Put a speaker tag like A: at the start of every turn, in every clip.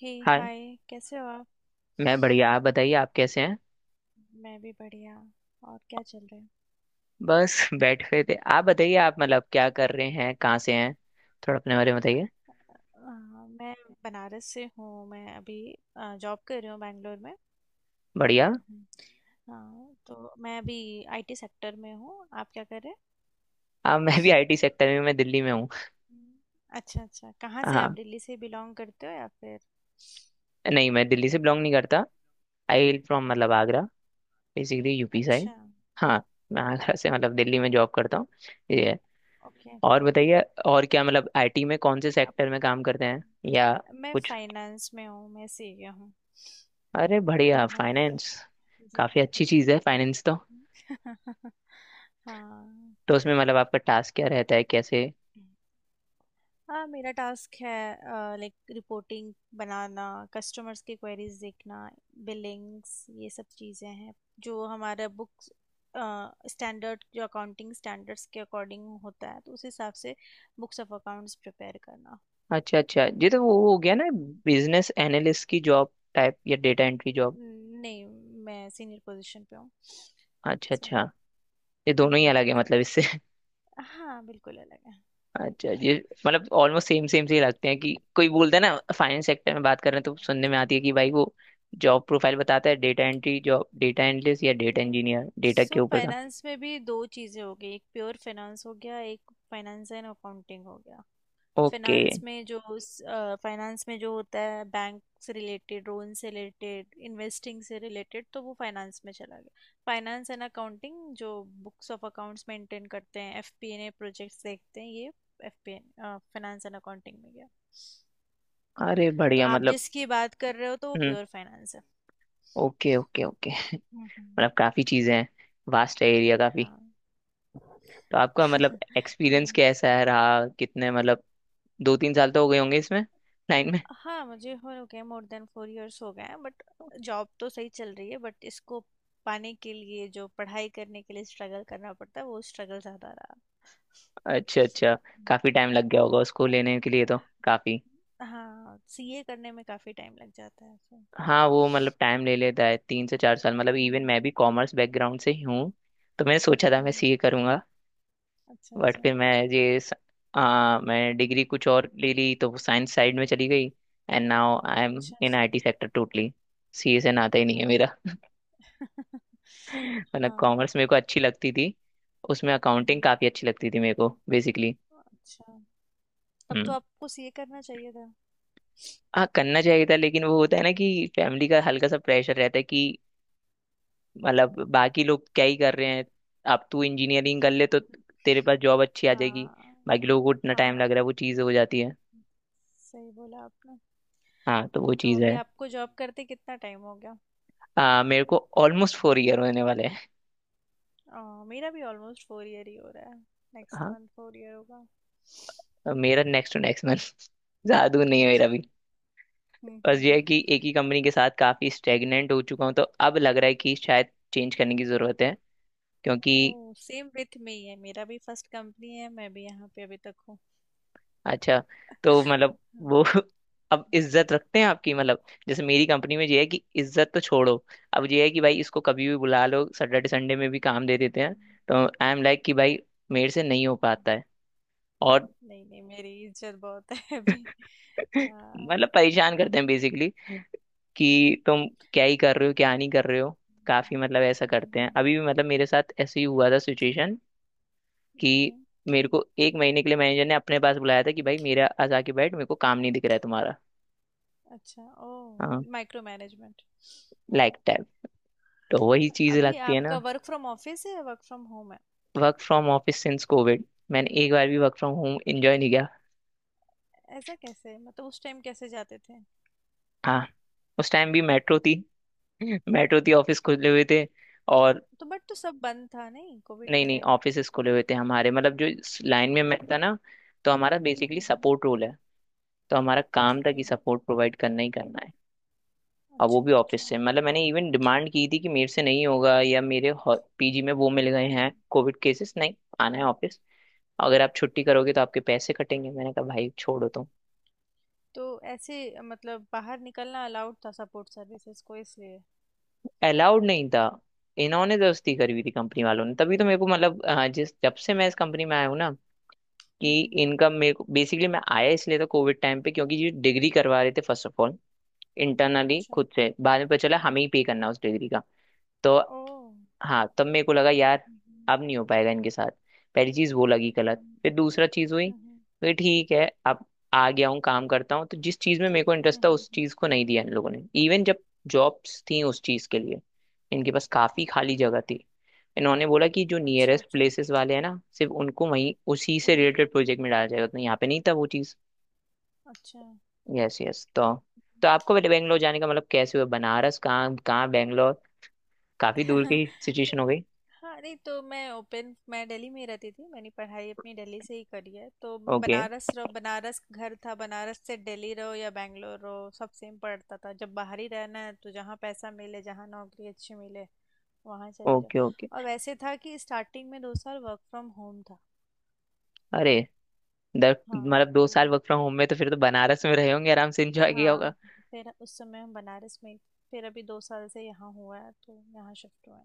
A: हे।
B: Hi.
A: Hi. कैसे हो आप?
B: मैं बढ़िया, आप बताइए आप कैसे हैं?
A: मैं भी बढ़िया। और क्या चल रहा है?
B: बस बैठ गए थे। आप बताइए, आप मतलब क्या कर रहे हैं, कहाँ से हैं? थोड़ा अपने बारे में बताइए।
A: मैं बनारस से हूँ। मैं अभी जॉब कर रही हूँ बैंगलोर में।
B: बढ़िया।
A: हम्म। हाँ तो मैं अभी आईटी सेक्टर में हूँ। आप क्या कर रहे हैं?
B: आप मैं भी आईटी सेक्टर में। मैं दिल्ली में हूँ।
A: हम्म। अच्छा अच्छा, कहाँ से आप?
B: हाँ।
A: दिल्ली से बिलोंग करते हो या फिर?
B: नहीं, मैं दिल्ली से बिलोंग नहीं करता। आई विल फ्रॉम
A: हम्म।
B: मतलब आगरा। Basically UP side.
A: अच्छा।
B: हाँ। मैं आगरा से, मतलब दिल्ली में जॉब करता हूँ। ये है।
A: ओके
B: और
A: ओके।
B: बताइए। और क्या, मतलब आईटी में कौन से
A: आप?
B: सेक्टर में काम करते हैं, या
A: मैं
B: कुछ?
A: फाइनेंस में हूँ। मैं सीए हूँ।
B: अरे बढ़िया,
A: तो मैं,
B: फाइनेंस।
A: जी।
B: काफ़ी अच्छी चीज़ है फाइनेंस तो।
A: हाँ।
B: तो उसमें मतलब आपका टास्क क्या रहता है, कैसे?
A: हाँ मेरा टास्क है लाइक रिपोर्टिंग बनाना, कस्टमर्स की क्वेरीज देखना, बिलिंग्स, ये सब चीज़ें हैं जो हमारा बुक्स स्टैंडर्ड, जो अकाउंटिंग स्टैंडर्ड्स के अकॉर्डिंग होता है तो उस हिसाब से बुक्स ऑफ अकाउंट्स प्रिपेयर करना।
B: अच्छा अच्छा, ये तो वो हो गया ना, बिजनेस एनालिस्ट की जॉब टाइप या डेटा एंट्री जॉब।
A: नहीं। मैं सीनियर पोजीशन पे हूँ।
B: अच्छा
A: सो,
B: अच्छा। ये दोनों ही अलग है मतलब इससे
A: हाँ बिल्कुल अलग है।
B: अच्छा, ये मतलब ऑलमोस्ट सेम सेम से ही लगते हैं कि कोई बोलता है ना फाइनेंस सेक्टर में बात कर रहे हैं तो सुनने में आती
A: नहीं
B: है कि भाई वो जॉब प्रोफाइल बताता है data entry job, data analyst या डेटा
A: नहीं।
B: इंजीनियर, डेटा के
A: सो
B: ऊपर का।
A: फाइनेंस में भी दो चीज़ें हो गई। एक प्योर फाइनेंस हो गया, एक फाइनेंस एंड अकाउंटिंग हो गया।
B: ओके।
A: फाइनेंस में जो फाइनेंस में जो होता है बैंक से रिलेटेड, लोन से रिलेटेड, इन्वेस्टिंग से रिलेटेड, तो वो फाइनेंस में चला गया। फाइनेंस एंड अकाउंटिंग जो बुक्स ऑफ अकाउंट्स मेंटेन करते हैं, एफपीएनए प्रोजेक्ट्स देखते हैं, ये एफपीए फाइनेंस एंड अकाउंटिंग में गया।
B: अरे
A: तो
B: बढ़िया
A: आप
B: मतलब।
A: जिसकी बात कर रहे हो तो वो
B: हम्म।
A: प्योर फाइनेंस है।
B: Okay okay okay.
A: हम्म।
B: मतलब काफी चीजें हैं, वास्ट है एरिया काफी।
A: हाँ।
B: तो आपका मतलब एक्सपीरियंस
A: हाँ।
B: कैसा है रहा, कितने मतलब दो तीन साल तो हो गए होंगे इसमें, लाइन में।
A: हाँ मुझे हो गए, मोर देन 4 इयर्स हो गए हैं। बट जॉब तो सही चल रही है, बट इसको पाने के लिए जो पढ़ाई करने के लिए स्ट्रगल करना पड़ता है वो स्ट्रगल ज़्यादा रहा।
B: अच्छा अच्छा।
A: हम्म,
B: काफी टाइम लग गया
A: हम्म।
B: होगा उसको लेने के लिए तो, काफी।
A: हाँ सीए करने में काफ़ी टाइम लग जाता है। सो,
B: हाँ, वो मतलब टाइम ले लेता है 3 से 4 साल, मतलब इवन
A: हम्म,
B: मैं भी कॉमर्स बैकग्राउंड से ही हूँ। तो मैंने सोचा था मैं
A: हम्म।
B: सीए करूंगा।
A: अच्छा
B: बट
A: अच्छा।
B: फिर मैं ये स- आ, मैं डिग्री कुछ और ले ली, तो वो साइंस साइड में चली गई। एंड नाउ आई एम
A: अच्छा
B: इन
A: अच्छा।
B: IT sector totally. सीए से नाता ही नहीं है मेरा
A: अच्छा।
B: मतलब
A: हाँ।
B: कॉमर्स मेरे को अच्छी लगती थी। उसमें
A: हम्म
B: अकाउंटिंग
A: हम्म।
B: काफी अच्छी लगती थी मेरे को बेसिकली।
A: अच्छा। तब तो आपको सीए करना चाहिए था।
B: हाँ, करना चाहिए था, लेकिन वो होता है ना कि फैमिली का हल्का सा प्रेशर रहता है कि मतलब बाकी लोग क्या ही कर रहे हैं, अब तू इंजीनियरिंग कर ले तो तेरे पास जॉब अच्छी आ जाएगी,
A: हाँ
B: बाकी लोगों को इतना टाइम
A: हाँ,
B: लग रहा है, वो चीज़ हो जाती है।
A: सही बोला आपने।
B: हाँ, तो वो
A: तो
B: चीज़ है।
A: अभी आपको जॉब करते कितना टाइम हो गया?
B: मेरे को ऑलमोस्ट 4 ईयर होने वाले हैं।
A: मेरा भी ऑलमोस्ट 4 ईयर ही हो रहा है। नेक्स्ट
B: हाँ,
A: मंथ 4 ईयर होगा।
B: और मेरा नेक्स्ट टू नेक्स्ट मंथ ज़्यादा दूर नहीं है मेरा
A: अच्छा।
B: भी। बस ये है
A: हम्म।
B: कि एक ही कंपनी के साथ काफ़ी स्टेगनेंट हो चुका हूँ, तो अब लग रहा है कि शायद चेंज करने की ज़रूरत है क्योंकि।
A: ओह, सेम विथ मी है। मेरा भी फर्स्ट कंपनी है, मैं भी यहाँ पे अभी तक हूँ।
B: अच्छा। तो मतलब वो अब इज्जत रखते हैं आपकी, मतलब जैसे मेरी कंपनी में ये है कि इज्जत तो छोड़ो, अब ये है कि भाई इसको कभी भी बुला लो, सैटरडे संडे में भी काम दे देते हैं। तो आई एम लाइक कि भाई, मेरे से नहीं हो पाता है और।
A: नहीं नहीं, मेरी इज्जत बहुत है अभी। हाँ।
B: मतलब परेशान करते हैं बेसिकली कि तुम क्या ही कर रहे हो, क्या नहीं कर रहे हो। काफी मतलब ऐसा करते हैं
A: हम्म।
B: अभी भी, मतलब मेरे साथ ऐसे ही हुआ था सिचुएशन कि
A: ओके।
B: मेरे को 1 महीने के लिए मैनेजर ने अपने पास बुलाया था कि भाई मेरा आज आके बैठ, मेरे को काम नहीं दिख रहा है तुम्हारा।
A: अच्छा।
B: हाँ।
A: Oh, micro management.
B: लाइक। तो वही चीज
A: अभी
B: लगती है ना।
A: आपका वर्क फ्रॉम ऑफिस है या वर्क फ्रॉम होम है?
B: Work from office since COVID. मैंने एक बार भी वर्क फ्रॉम होम एंजॉय नहीं किया।
A: ऐसा कैसे? मतलब उस टाइम कैसे जाते थे?
B: हाँ, उस टाइम भी मेट्रो थी। मेट्रो थी, ऑफिस खुले हुए थे और।
A: तो बट तो सब बंद था नहीं कोविड
B: नहीं
A: के
B: नहीं,
A: टाइम?
B: ऑफिसेस खुले हुए थे हमारे, मतलब जो लाइन में मैं था ना, तो हमारा बेसिकली
A: हम्म।
B: सपोर्ट रोल है। तो हमारा काम था
A: ओके।
B: कि सपोर्ट प्रोवाइड करना ही करना है और। वो
A: अच्छा
B: भी ऑफिस
A: अच्छा।
B: से, मतलब मैंने इवन डिमांड की थी कि मेरे से नहीं होगा, या मेरे पीजी में वो मिल गए हैं
A: हम्म
B: कोविड केसेस, नहीं आना है
A: हम्म।
B: ऑफिस। अगर आप छुट्टी करोगे तो आपके पैसे कटेंगे, मैंने कहा भाई छोड़ो।
A: तो ऐसे मतलब बाहर निकलना अलाउड था सपोर्ट सर्विसेज को इसलिए?
B: अलाउड नहीं था। इन्होंने दोस्ती करी हुई थी
A: हम्म।
B: कंपनी वालों ने, तभी तो मेरे को मतलब जिस जब से मैं इस कंपनी में आया हूँ ना, कि
A: हम्म।
B: इनका मेरे को बेसिकली, मैं आया इसलिए था कोविड टाइम पे क्योंकि ये डिग्री करवा रहे थे फर्स्ट ऑफ ऑल। इंटरनली
A: अच्छा।
B: खुद से बाद में पता चला हमें
A: हम्म।
B: ही पे करना है उस डिग्री का। तो
A: ओ।
B: हाँ, तब मेरे को लगा यार,
A: हम्म।
B: अब नहीं हो पाएगा इनके साथ। पहली चीज वो लगी गलत,
A: हम्म।
B: फिर दूसरा चीज हुई,
A: हम्म।
B: तो ये ठीक है अब आ गया हूँ काम करता हूँ। तो जिस चीज में मेरे को इंटरेस्ट था
A: हम्म।
B: उस चीज को नहीं दिया इन लोगों ने, इवन जब जॉब्स थी उस चीज के लिए। इनके पास काफी
A: ओके।
B: खाली जगह थी, इन्होंने बोला कि जो
A: अच्छा
B: नियरेस्ट
A: अच्छा।
B: प्लेसेस वाले हैं ना सिर्फ उनको वहीं उसी
A: ओह,
B: से रिलेटेड प्रोजेक्ट में डाला जाएगा, तो यहाँ पे नहीं था वो चीज।
A: अच्छा।
B: यस यस, तो। तो आपको पहले बैंगलोर जाने का मतलब कैसे हुआ, बनारस कहाँ, कहाँ बैंगलोर? काफी दूर की सिचुएशन हो गई।
A: हाँ नहीं, तो मैं दिल्ली में ही रहती थी, मैंने पढ़ाई अपनी दिल्ली से ही करी है। तो
B: ओके
A: बनारस रहो, बनारस घर था, बनारस से दिल्ली रहो या बैंगलोर रहो सब सेम पड़ता था। जब बाहर ही रहना है तो जहाँ पैसा मिले, जहाँ नौकरी अच्छी मिले वहाँ चले जाओ।
B: Okay okay.
A: और वैसे था कि स्टार्टिंग में 2 साल वर्क फ्रॉम होम था।
B: अरे दर
A: हाँ
B: मतलब दो
A: तो,
B: साल वर्क फ्रॉम होम में तो फिर तो बनारस में रहे होंगे, आराम से एंजॉय किया
A: हाँ,
B: होगा।
A: फिर उस समय हम बनारस में। फिर अभी 2 साल से यहाँ हुआ है तो यहाँ शिफ्ट हुआ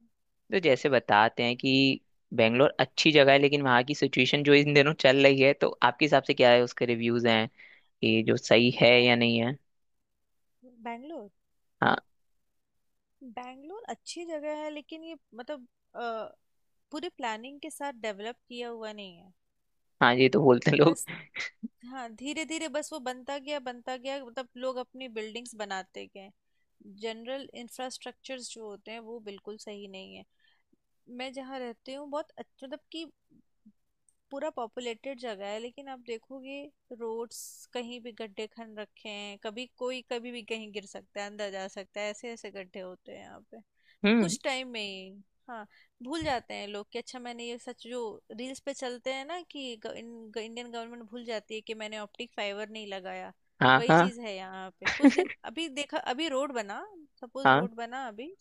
B: तो जैसे बताते हैं कि बेंगलोर अच्छी जगह है लेकिन वहाँ की सिचुएशन जो इन दिनों चल रही है, तो आपके हिसाब से क्या है उसके रिव्यूज हैं, कि जो सही है
A: है।
B: या नहीं है।
A: बैंगलोर
B: हाँ
A: बैंगलोर अच्छी जगह है, लेकिन ये मतलब अ, पूरे प्लानिंग के साथ डेवलप किया हुआ नहीं है।
B: हाँ, ये तो बोलते हैं लोग।
A: बस, हाँ, धीरे धीरे बस वो बनता गया बनता गया, मतलब लोग अपनी बिल्डिंग्स बनाते गए। जनरल इंफ्रास्ट्रक्चर्स जो होते हैं वो बिल्कुल सही नहीं है। मैं जहाँ रहती हूँ बहुत मतलब कि पूरा पॉपुलेटेड जगह है, लेकिन आप देखोगे रोड्स, कहीं भी गड्ढे खन रखे हैं। कभी कोई कभी भी कहीं गिर सकता है, अंदर जा सकता है, ऐसे ऐसे गड्ढे होते हैं यहाँ पे।
B: हम्म।
A: कुछ टाइम में ही, हाँ, भूल जाते हैं लोग कि अच्छा मैंने ये, सच जो रील्स पे चलते हैं ना कि इंडियन गवर्नमेंट भूल जाती है कि मैंने ऑप्टिक फाइबर नहीं लगाया।
B: हाँ
A: वही
B: हाँ
A: चीज है यहाँ पे, कुछ दिन अभी देखा अभी रोड बना, सपोज
B: हाँ,
A: रोड बना अभी,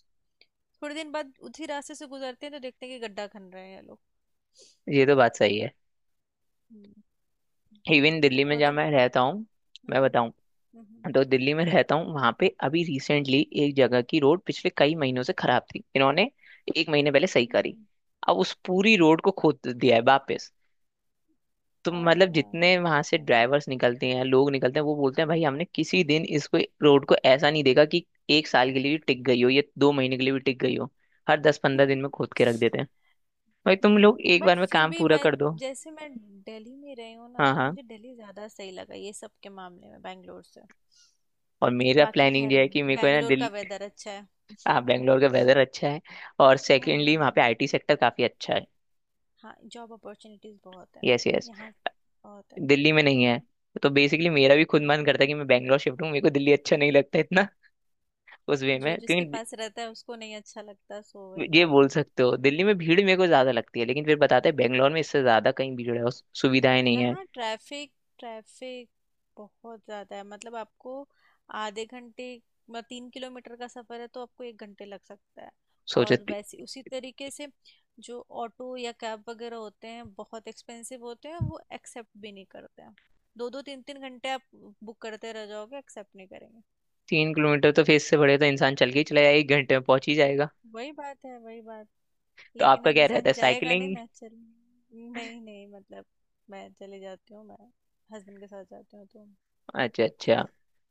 A: थोड़े दिन बाद उसी रास्ते से गुजरते हैं तो देखते हैं कि गड्ढा खन रहे हैं ये लोग।
B: ये तो बात सही है।
A: हम्म,
B: इवन दिल्ली में जहाँ
A: मतलब।
B: मैं रहता हूँ,
A: हम्म
B: मैं
A: हम्म।
B: बताऊँ। तो दिल्ली में रहता हूँ वहां पे, अभी रिसेंटली एक जगह की रोड पिछले कई महीनों से खराब थी, इन्होंने 1 महीने पहले सही
A: हम्म।
B: करी। अब उस पूरी
A: हम्म।
B: रोड को खोद दिया है वापस। तो
A: आ,
B: मतलब जितने वहां से
A: सही।
B: ड्राइवर्स निकलते हैं, लोग निकलते हैं, वो बोलते हैं
A: हम्म।
B: भाई हमने किसी दिन इसको रोड को ऐसा नहीं देखा कि 1 साल के लिए भी टिक गई हो या 2 महीने के लिए भी टिक गई हो। हर 10-15 दिन में खोद के रख देते हैं। भाई, तुम लोग एक
A: बट
B: बार में
A: फिर
B: काम
A: भी
B: पूरा
A: मैं,
B: कर दो।
A: जैसे मैं दिल्ली में रही हूँ ना
B: हाँ
A: तो
B: हाँ,
A: मुझे दिल्ली ज़्यादा सही लगा ये सब के मामले में बैंगलोर से।
B: और मेरा
A: बाकी
B: प्लानिंग
A: खैर,
B: ये है कि मेरे को है ना
A: बैंगलोर का
B: दिल।
A: वेदर अच्छा है।
B: हाँ, बेंगलोर का वेदर अच्छा है और सेकेंडली वहाँ पे
A: हाँ।
B: आईटी सेक्टर काफी अच्छा है।
A: हाँ जॉब अपॉर्चुनिटीज़ बहुत है
B: यस यस।
A: यहाँ, बहुत है।
B: दिल्ली में नहीं है। तो बेसिकली मेरा भी खुद मन करता है
A: हम्म।
B: कि मैं बेंगलोर शिफ्ट हूँ, मेरे को दिल्ली अच्छा नहीं लगता इतना उस वे
A: जो
B: में,
A: जिसके
B: क्योंकि दि-।
A: पास रहता है उसको नहीं अच्छा लगता, सो वही
B: ये
A: बात
B: बोल
A: है।
B: सकते हो दिल्ली में भीड़ मेरे को ज्यादा लगती है, लेकिन फिर बताते हैं बेंगलोर में इससे ज्यादा कहीं भीड़ है और सुविधाएं नहीं है।
A: यहाँ ट्रैफिक, ट्रैफिक बहुत ज़्यादा है। मतलब आपको आधे घंटे, मतलब 3 किलोमीटर का सफ़र है तो आपको 1 घंटे लग सकता है।
B: सोचो
A: और वैसे उसी तरीके से, जो ऑटो या कैब वगैरह होते हैं, बहुत एक्सपेंसिव होते हैं, वो एक्सेप्ट भी नहीं करते हैं। दो दो तीन तीन घंटे आप बुक करते रह जाओगे, एक्सेप्ट नहीं करेंगे।
B: 3 किलोमीटर तो फेस से बढ़े तो इंसान चल के ही चला जाए, 1 घंटे में पहुंच ही जाएगा।
A: वही बात है, वही बात।
B: तो
A: लेकिन
B: आपका
A: अब
B: क्या रहता
A: इंसान
B: है,
A: जाएगा नहीं
B: साइकिलिंग?
A: ना चल। नहीं नहीं, मतलब मैं चले जाती हूँ, मैं हस्बैंड के साथ जाती हूँ तो।
B: अच्छा अच्छा,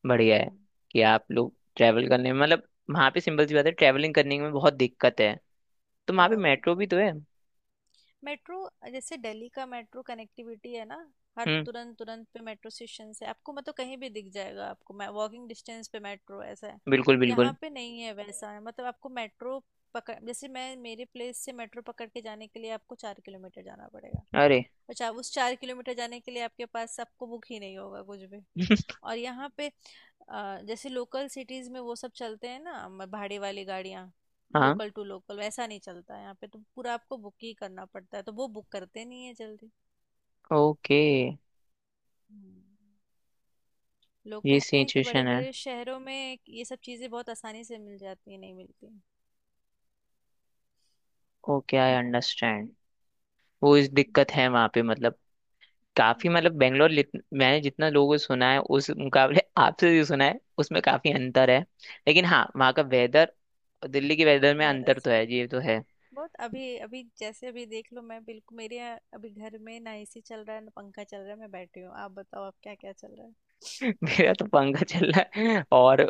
B: बढ़िया है
A: हम्म।
B: कि आप लोग ट्रैवल करने में, मतलब वहाँ पे सिंपल सी बात है ट्रैवलिंग करने में बहुत दिक्कत है, तो वहाँ पे
A: बहुत
B: मेट्रो भी
A: दिक्कत
B: तो
A: है।
B: है।
A: मेट्रो, जैसे दिल्ली का मेट्रो कनेक्टिविटी है ना, हर
B: हम्म।
A: तुरंत तुरंत पे मेट्रो स्टेशन है आपको। मतलब कहीं भी दिख जाएगा आपको, मैं वॉकिंग डिस्टेंस पे मेट्रो ऐसा है।
B: बिल्कुल
A: यहाँ
B: बिल्कुल।
A: पे नहीं है वैसा है, मतलब आपको मेट्रो पकड़, जैसे मैं मेरे प्लेस से मेट्रो पकड़ के जाने के लिए आपको 4 किलोमीटर जाना पड़ेगा।
B: अरे
A: और चार उस 4 किलोमीटर जाने के लिए आपके पास, आपको बुक ही नहीं होगा कुछ भी। और यहाँ पे, जैसे लोकल सिटीज में वो सब चलते हैं ना, भाड़े वाली गाड़ियाँ,
B: हाँ।
A: लोकल टू लोकल वैसा नहीं चलता है यहाँ पे। तो पूरा आपको बुक ही करना पड़ता है, तो वो बुक करते नहीं है जल्दी।
B: ओके।
A: हम्म, लोग
B: ये
A: कहते हैं कि बड़े
B: सिचुएशन है।
A: बड़े शहरों में ये सब चीज़ें बहुत आसानी से मिल जाती है, नहीं मिलती।
B: Okay, I understand. वो इस दिक्कत
A: हम्म।
B: है वहाँ पे मतलब, काफी
A: हम्म,
B: मतलब बेंगलोर मैंने जितना लोगों से सुना है उस मुकाबले आपसे जो सुना है उसमें काफी अंतर है। लेकिन हाँ वहाँ का वेदर, दिल्ली के वेदर में
A: बहुत
B: अंतर तो
A: अच्छा है
B: है, ये तो है।
A: बहुत। अभी अभी जैसे अभी देख लो, मैं बिल्कुल मेरे यहाँ अभी घर में ना एसी चल रहा है ना पंखा चल रहा है, मैं बैठी हूँ। आप बताओ आप, क्या क्या चल रहा है?
B: मेरा तो पंखा चल रहा है और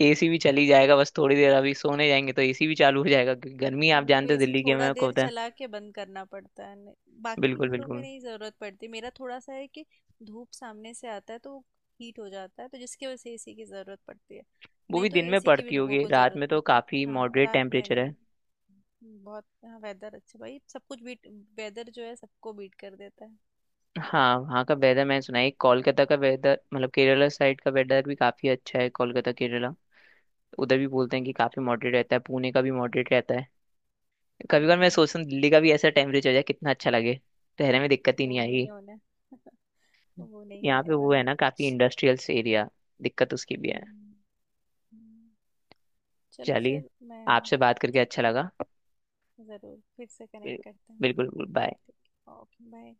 B: एसी भी चली जाएगा बस थोड़ी देर, अभी सोने जाएंगे तो एसी भी चालू हो जाएगा क्योंकि गर्मी
A: तो
B: आप
A: हम लोग को
B: जानते हो
A: एसी
B: दिल्ली के
A: थोड़ा
B: में को
A: देर
B: होता है।
A: चला के बंद करना पड़ता है। बाकी
B: बिल्कुल
A: घरों में
B: बिल्कुल।
A: नहीं ज़रूरत पड़ती, मेरा थोड़ा सा है कि धूप सामने से आता है तो हीट हो जाता है, तो जिसकी वजह से एसी की ज़रूरत पड़ती है।
B: वो
A: नहीं
B: भी
A: तो
B: दिन में
A: एसी की भी
B: पड़ती
A: लोगों
B: होगी,
A: को
B: रात
A: ज़रूरत
B: में तो
A: नहीं पड़ती,
B: काफी
A: हाँ
B: मॉडरेट
A: रात में
B: टेम्परेचर
A: नहीं।
B: है।
A: बहुत, हाँ, वेदर अच्छा भाई। सब कुछ बीट, वेदर जो है सबको बीट कर देता है।
B: हाँ, वहाँ का वेदर मैंने सुना है, कोलकाता का वेदर मतलब केरला साइड का वेदर भी काफी अच्छा है, कोलकाता केरला उधर भी बोलते हैं कि काफी मॉडरेट रहता है, पुणे का भी मॉडरेट रहता है। कभी कभी मैं
A: हम्म।
B: सोचता हूँ दिल्ली का भी ऐसा टेम्परेचर हो जाए कितना अच्छा लगे, ठहरने में दिक्कत ही नहीं
A: वो
B: आएगी।
A: नहीं होना। वो नहीं
B: यहाँ
A: होने
B: पे वो
A: वाला।
B: है ना, काफी इंडस्ट्रियल एरिया, दिक्कत उसकी भी
A: हम्म,
B: है।
A: हम्म, हम्म। चलो
B: चलिए,
A: फिर मैं,
B: आपसे बात करके
A: ठीक
B: अच्छा
A: है,
B: लगा।
A: ज़रूर फिर से कनेक्ट
B: बिल्कुल
A: करते हैं हम लोग।
B: बिल्कुल, बाय।
A: तो कि बाओ, कि बाए।